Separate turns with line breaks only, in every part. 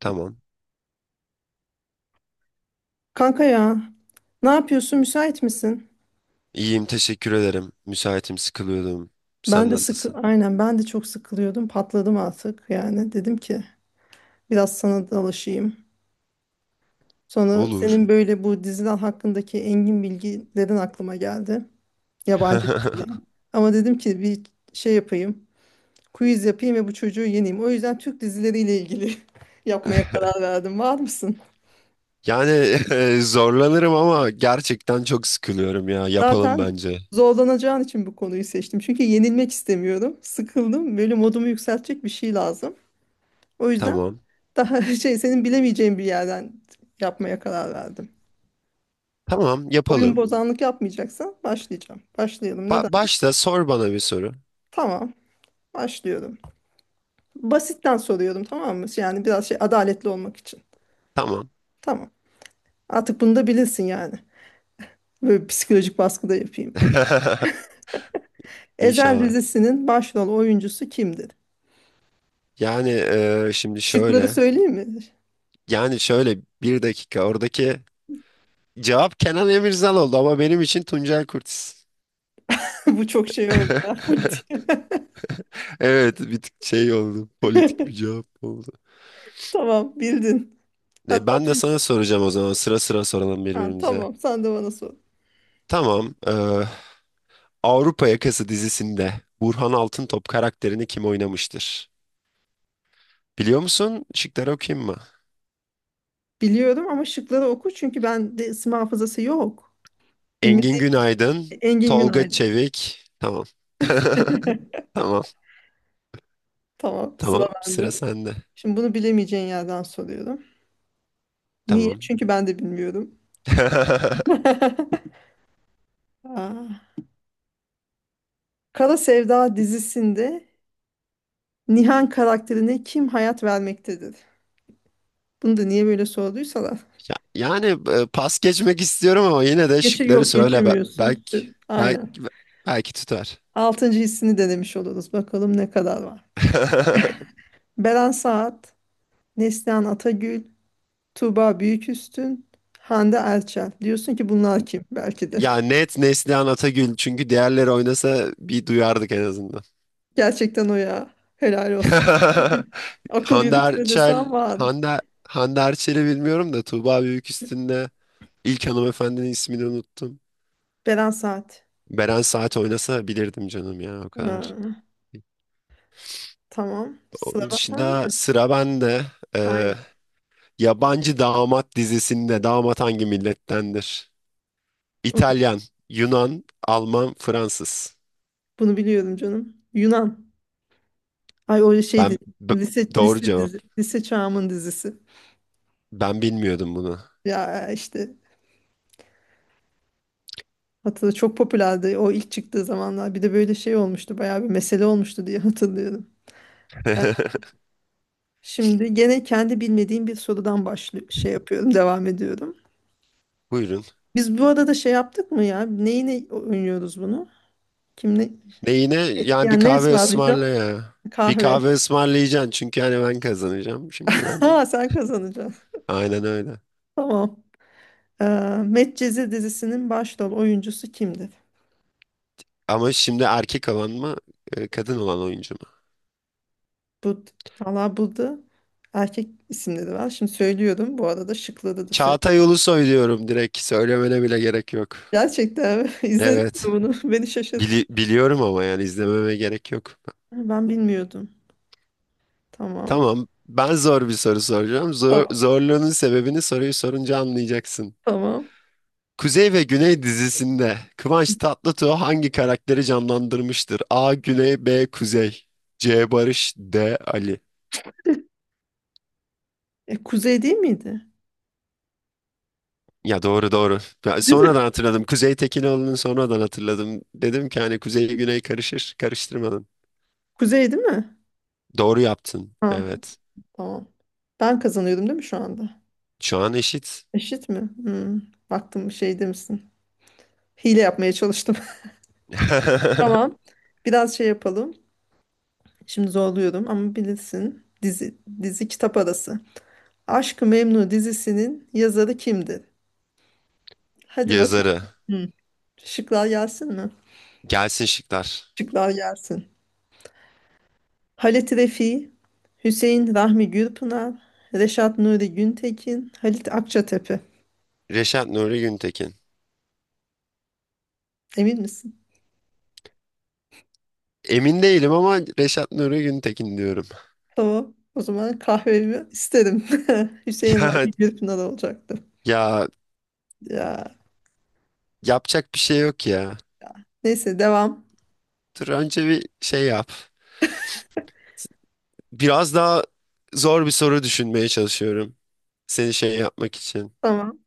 Tamam.
Kanka ya, ne yapıyorsun? Müsait misin?
İyiyim, teşekkür ederim. Müsaitim, sıkılıyordum.
Ben
Sen
de ya,
nasılsın?
aynen ben de çok sıkılıyordum. Patladım artık yani. Dedim ki biraz sana dalaşayım. Sonra
Olur.
senin böyle bu diziler hakkındaki engin bilgilerin aklıma geldi. Yabancı diziler. Ama dedim ki bir şey yapayım. Quiz yapayım ve bu çocuğu yeneyim. O yüzden Türk dizileriyle ilgili yapmaya karar verdim. Var mısın?
Yani zorlanırım ama gerçekten çok sıkılıyorum ya. Yapalım
Zaten
bence.
zorlanacağın için bu konuyu seçtim. Çünkü yenilmek istemiyorum. Sıkıldım. Böyle modumu yükseltecek bir şey lazım. O yüzden
Tamam.
daha şey senin bilemeyeceğin bir yerden yapmaya karar verdim.
Tamam,
Oyun
yapalım.
bozanlık yapmayacaksan başlayacağım. Başlayalım.
Ba-
Neden?
başla sor bana bir soru.
Tamam. Başlıyorum. Basitten soruyorum, tamam mı? Yani biraz şey adaletli olmak için.
Tamam.
Tamam. Artık bunu da bilirsin yani. Böyle psikolojik baskı da yapayım. Ezel
İnşallah.
dizisinin başrol oyuncusu kimdir?
Yani şimdi
Şıkları
şöyle.
söyleyeyim mi?
Yani şöyle bir dakika. Oradaki cevap Kenan Emirzal oldu ama benim için Tuncel Kurtiz.
Bu çok şey oldu ya. Politik.
Evet, bir tık şey oldu. Politik bir cevap oldu.
Tamam, bildin. Hatta
Ben de
Tunç-
sana soracağım o zaman. Sıra sıra soralım
ha,
birbirimize.
tamam, sen de bana sor.
Tamam. Avrupa Yakası dizisinde Burhan Altıntop karakterini kim oynamıştır? Biliyor musun? Şıkları okuyayım mı?
Biliyorum ama şıkları oku çünkü bende isim hafızası yok.
Engin
Bilmediğim
Günaydın,
Engin
Tolga
Günaydın.
Çevik. Tamam. Tamam.
Tamam, sıra
Tamam. Sıra
bende.
sende.
Şimdi bunu bilemeyeceğin yerden soruyorum. Niye?
Tamam.
Çünkü ben de bilmiyorum. Aa, Kara Sevda dizisinde Nihan karakterine kim hayat vermektedir? Bunu da niye böyle sorduysalar.
Ya- Yani pas geçmek istiyorum ama yine de
Geçir
şıkları
yok
söyle. Be-
geçirmiyorsun.
Belki
Aynen.
belki belki tutar.
Altıncı hissini denemiş oluruz. Bakalım ne kadar var. Beren Saat, Neslihan Atagül, Tuğba Büyüküstün, Hande Erçel. Diyorsun ki bunlar kim? Belki de.
Ya, net Neslihan Atagül çünkü diğerleri oynasa bir duyardık en azından.
Gerçekten o ya. Helal olsun. Akıl
Hande
yürütme desem
Erçel,
vardı.
Hande, Hande Erçel'i bilmiyorum da Tuğba Büyüküstün'de ilk hanımefendinin ismini unuttum.
Beren Saat.
Beren Saat oynasa bilirdim canım ya o kadar.
Ha, tamam. Sıra
Onun
bak
dışında
sende.
sıra bende. Ee,
Aynen.
Yabancı Damat dizisinde damat hangi millettendir?
Onu,
İtalyan, Yunan, Alman, Fransız.
bunu biliyorum canım. Yunan. Ay o şeydi.
Ben b-
Lise,
doğru
lise
cevap.
dizi. Lise çağımın dizisi.
Ben bilmiyordum bunu.
Ya işte hatırla, çok popülerdi o ilk çıktığı zamanlar. Bir de böyle şey olmuştu. Bayağı bir mesele olmuştu diye hatırlıyorum. Şimdi gene kendi bilmediğim bir sorudan şey yapıyorum, devam ediyorum.
Buyurun.
Biz bu arada şey yaptık mı ya? Neyine oynuyoruz bunu? Kim ne?
Neyine?
E,
Yani bir
yani ne
kahve
ısmarlayacağım?
ısmarla ya. Bir
Kahve.
kahve ısmarlayacaksın çünkü hani ben kazanacağım şimdiden.
Ha, sen kazanacaksın.
Aynen öyle.
Tamam. Ee, Medcezir dizisinin başrol oyuncusu kimdir?
Ama şimdi erkek olan mı, kadın olan oyuncu mu?
Bu, Valla burada erkek isimleri var. Şimdi söylüyorum. Bu arada şıkları da
Çağatay
söylüyorum.
Ulusoy diyorum direkt. Söylemene bile gerek yok.
Gerçekten mi? izledin
Evet.
mi bunu? Beni şaşırttı.
Biliyorum ama yani izlememe gerek yok.
Ben bilmiyordum. Tamam.
Tamam. Ben zor bir soru soracağım. Zor-
Tamam.
zorluğunun sebebini soruyu sorunca anlayacaksın.
Tamam.
Kuzey ve Güney dizisinde Kıvanç Tatlıtuğ hangi karakteri canlandırmıştır? A. Güney B. Kuzey C. Barış D. Ali.
E, Kuzey değil miydi?
Ya, doğru doğru. Ya
Değil mi?
sonradan hatırladım. Kuzey Tekinoğlu'nu sonradan hatırladım. Dedim ki hani Kuzey Güney karışır. Karıştırmadım.
Kuzey değil mi?
Doğru yaptın.
Ha,
Evet.
tamam. Ben kazanıyordum değil mi şu anda?
Şu an eşit.
Eşit mi? Hmm. Baktım şey demişsin. Hile yapmaya çalıştım. Tamam. Biraz şey yapalım. Şimdi zorluyorum ama bilirsin. Dizi kitap arası. Aşk-ı Memnu dizisinin yazarı kimdir? Hadi bakalım.
Yazarı.
Hmm. Şıklar gelsin mi?
Gelsin şıklar.
Şıklar gelsin. Halit Refi, Hüseyin Rahmi Gürpınar, Reşat Nuri Güntekin, Halit Akçatepe.
Reşat Nuri Güntekin.
Emin misin?
Emin değilim ama Reşat Nuri Güntekin diyorum.
Tamam. O zaman kahvemi isterim. Hüseyin Rahmi
Ya,
Gürpınar olacaktı.
ya
Ya.
yapacak bir şey yok ya.
Neyse devam.
Dur önce bir şey yap. Biraz daha zor bir soru düşünmeye çalışıyorum. Seni şey yapmak için.
Tamam.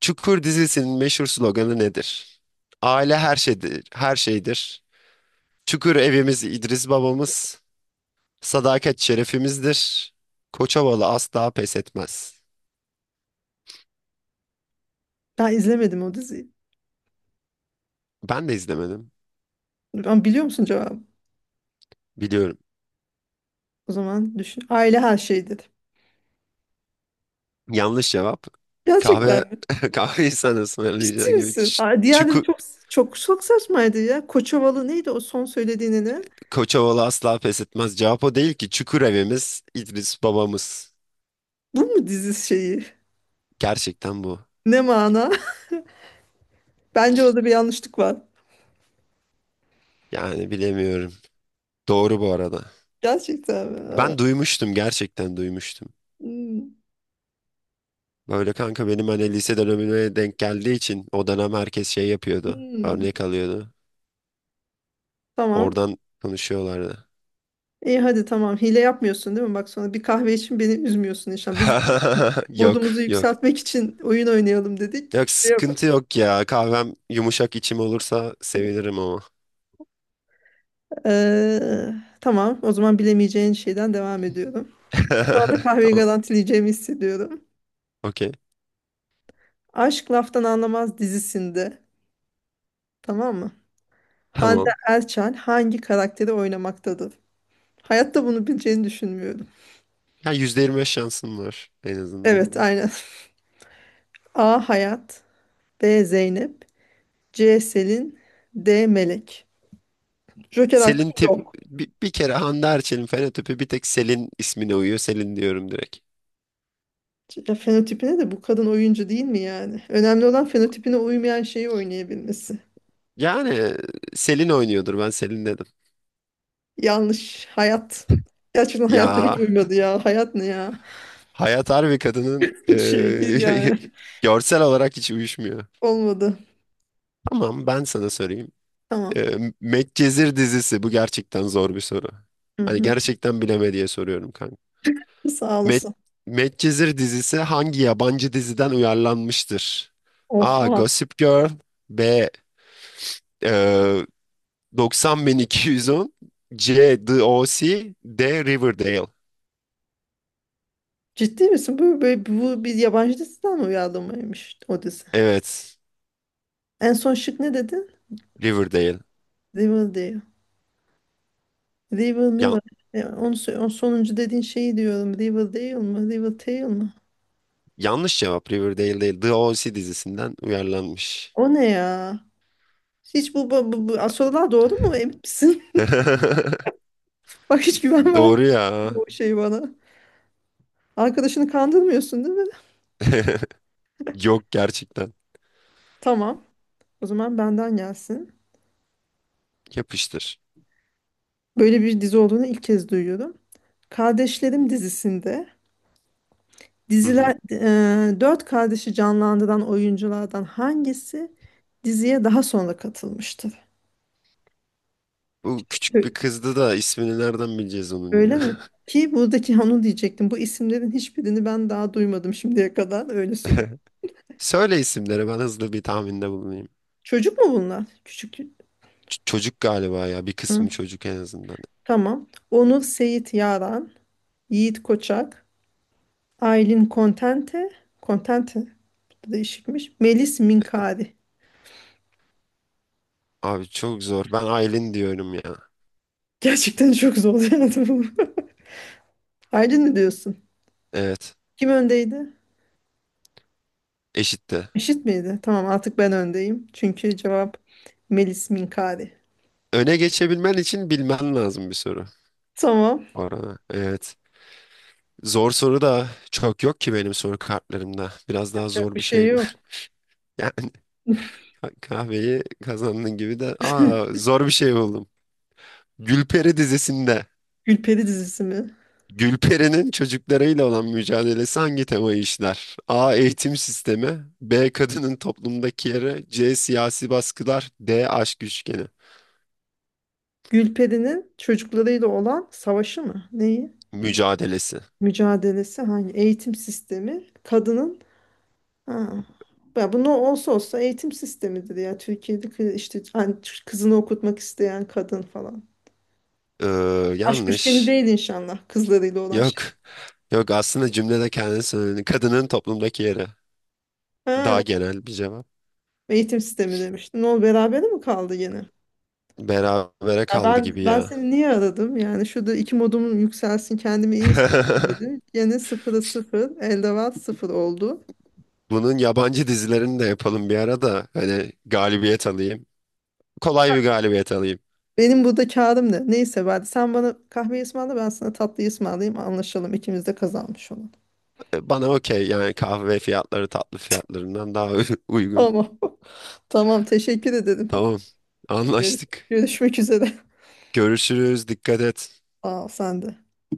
Çukur dizisinin meşhur sloganı nedir? Aile her şeydir, her şeydir. Çukur evimiz İdris babamız. Sadakat şerefimizdir. Koçovalı asla pes etmez.
Ben izlemedim o diziyi.
Ben de izlemedim.
Ama biliyor musun cevabı?
Biliyorum.
O zaman düşün. Aile her şeydir.
Yanlış cevap.
Tamam. Gerçekten
Kahve
mi?
kahve insanı
Ciddi
ısmarlayacağın gibi.
misin?
Ç-
Aa, diğerleri
Çukur
çok çok çok saçmaydı ya. Koçovalı neydi o son söylediğini ne?
Koçovalı asla pes etmez. Cevap o değil ki. Çukur evimiz İdris babamız.
Bu mu dizi şeyi?
Gerçekten bu.
Ne mana? Bence orada bir yanlışlık var.
Yani bilemiyorum. Doğru bu arada.
Gerçekten mi? Aa.
Ben duymuştum, gerçekten duymuştum.
Hmm.
Böyle kanka benim hani lise dönemine denk geldiği için o dönem herkes şey yapıyordu.
Hmm.
Örnek alıyordu.
Tamam.
Oradan konuşuyorlardı.
İyi hadi tamam. Hile yapmıyorsun değil mi? Bak, sonra bir kahve için beni üzmüyorsun inşallah. Biz
Yok,
modumuzu
yok.
yükseltmek için oyun oynayalım dedik.
Yok, sıkıntı yok ya. Kahvem yumuşak içim olursa sevinirim ama.
Ee, tamam, o zaman bilemeyeceğin şeyden devam ediyorum. Şu anda kahveyi
Tamam,
garantileyeceğimi hissediyorum.
okey.
Aşk Laftan Anlamaz dizisinde, tamam mı? Hande
Tamam.
Erçel hangi karakteri oynamaktadır? Hayatta bunu bileceğini düşünmüyorum.
Ya, %25 şansım var en azından.
Evet, aynen. A. Hayat, B. Zeynep, C. Selin, D. Melek. Joker hakkı
Selin tip
yok.
bir kere Hande Erçel'in fenotipi bir tek Selin ismine uyuyor. Selin diyorum direkt.
Ya fenotipine de bu kadın oyuncu değil mi yani? Önemli olan fenotipine uymayan şeyi oynayabilmesi.
Yani Selin oynuyordur, ben Selin dedim.
Yanlış. Hayat. Gerçekten hayatta hiç
Ya,
uymadı ya. Hayat ne ya?
Hayat Harbi kadının
Hiç şey değil yani.
görsel olarak hiç uyuşmuyor.
Olmadı.
Tamam, ben sana sorayım.
Tamam.
Medcezir dizisi bu gerçekten zor bir soru.
Hı
Hani
hı.
gerçekten bileme diye soruyorum kanka.
Sağ
Med,
olasın.
Medcezir dizisi hangi yabancı diziden uyarlanmıştır? A.
Oha.
Gossip Girl B. E, 90210 C. The O C. D. Riverdale.
Ciddi misin? Bu bir yabancı diziden mi uyarlamaymış o dizi?
Evet,
En son şık ne dedin?
Riverdale.
Riverdale.
Ya,
Riverdale. E, o sonuncu dediğin şeyi diyorum. Riverdale mı? Riverdale mı?
yanlış cevap. Riverdale değil. The O.C. dizisinden uyarlanmış.
O ne ya? Hiç bu sorular doğru mu? Emin misin? Bak, hiç güven vermiyor
Doğru ya.
bu şey bana. Arkadaşını kandırmıyorsun değil mi?
Yok, gerçekten.
Tamam. O zaman benden gelsin.
Yapıştır.
Böyle bir dizi olduğunu ilk kez duyuyorum. Kardeşlerim dizisinde
Hı hı.
dört kardeşi canlandıran oyunculardan hangisi diziye daha sonra katılmıştır?
Bu küçük bir
Ö-
kızdı da ismini nereden bileceğiz onun
Öyle
ya?
mi? Ki buradaki onu diyecektim. Bu isimlerin hiçbirini ben daha duymadım şimdiye kadar. Öyle söyleyeyim.
Söyle isimleri, ben hızlı bir tahminde bulunayım.
Çocuk mu bunlar? Küçük.
Çocuk galiba ya, bir
Hı,
kısmı çocuk en azından.
tamam. Onur Seyit Yaran, Yiğit Koçak, Aylin Contente, Contente bu da değişikmiş. Melis Minkari.
Abi çok zor. Ben Aylin diyorum ya.
Gerçekten çok zorlayandı bu. Aydın ne diyorsun?
Evet,
Kim öndeydi?
eşitti.
Eşit miydi? Tamam, artık ben öndeyim. Çünkü cevap Melis Minkari.
Öne geçebilmen için bilmen lazım bir soru.
Tamam.
Orada. Evet. Zor soru da çok yok ki benim soru kartlarımda. Biraz daha
Yapacak
zor
bir
bir
şey
şey bu.
yok.
Yani kahveyi kazandın gibi de. Aa, zor bir şey buldum. Gülperi dizisinde
Gülperi dizisi mi?
Gülperi'nin çocuklarıyla olan mücadelesi hangi temayı işler? A. Eğitim sistemi. B. Kadının toplumdaki yeri. C. Siyasi baskılar. D. Aşk üçgeni.
Gülperi'nin çocuklarıyla olan savaşı mı? Neyi?
Mücadelesi.
Mücadelesi hangi? Eğitim sistemi. Ha. Ya bu ne olsa olsa eğitim sistemidir ya. Türkiye'de işte hani kızını okutmak isteyen kadın falan.
Ee,
Aşk üçgeni
yanlış.
değil inşallah kızlarıyla olan şey.
Yok. Yok, aslında cümlede kendini söyledi. Kadının toplumdaki yeri.
Ha.
Daha genel bir cevap.
Eğitim sistemi demiştin. Ne oldu, berabere mi kaldı gene?
Berabere
Ya
kaldı
ben
gibi
ben
ya.
seni niye aradım? Yani şurada iki modum yükselsin, kendimi iyi hissedeyim dedim. Gene sıfıra sıfır, elde var sıfır oldu.
Bunun yabancı dizilerini de yapalım bir ara da hani galibiyet alayım. Kolay bir galibiyet alayım.
Benim burada kârım ne? Neyse sen bana kahve ısmarla, ben sana tatlı ısmarlayayım, anlaşalım, ikimiz de kazanmış olalım.
Bana okey, yani kahve fiyatları tatlı fiyatlarından daha uygun.
Tamam. Tamam, teşekkür ederim.
Tamam.
Gör-
Anlaştık.
Görüşmek üzere.
Görüşürüz. Dikkat et.
Aa, sen de.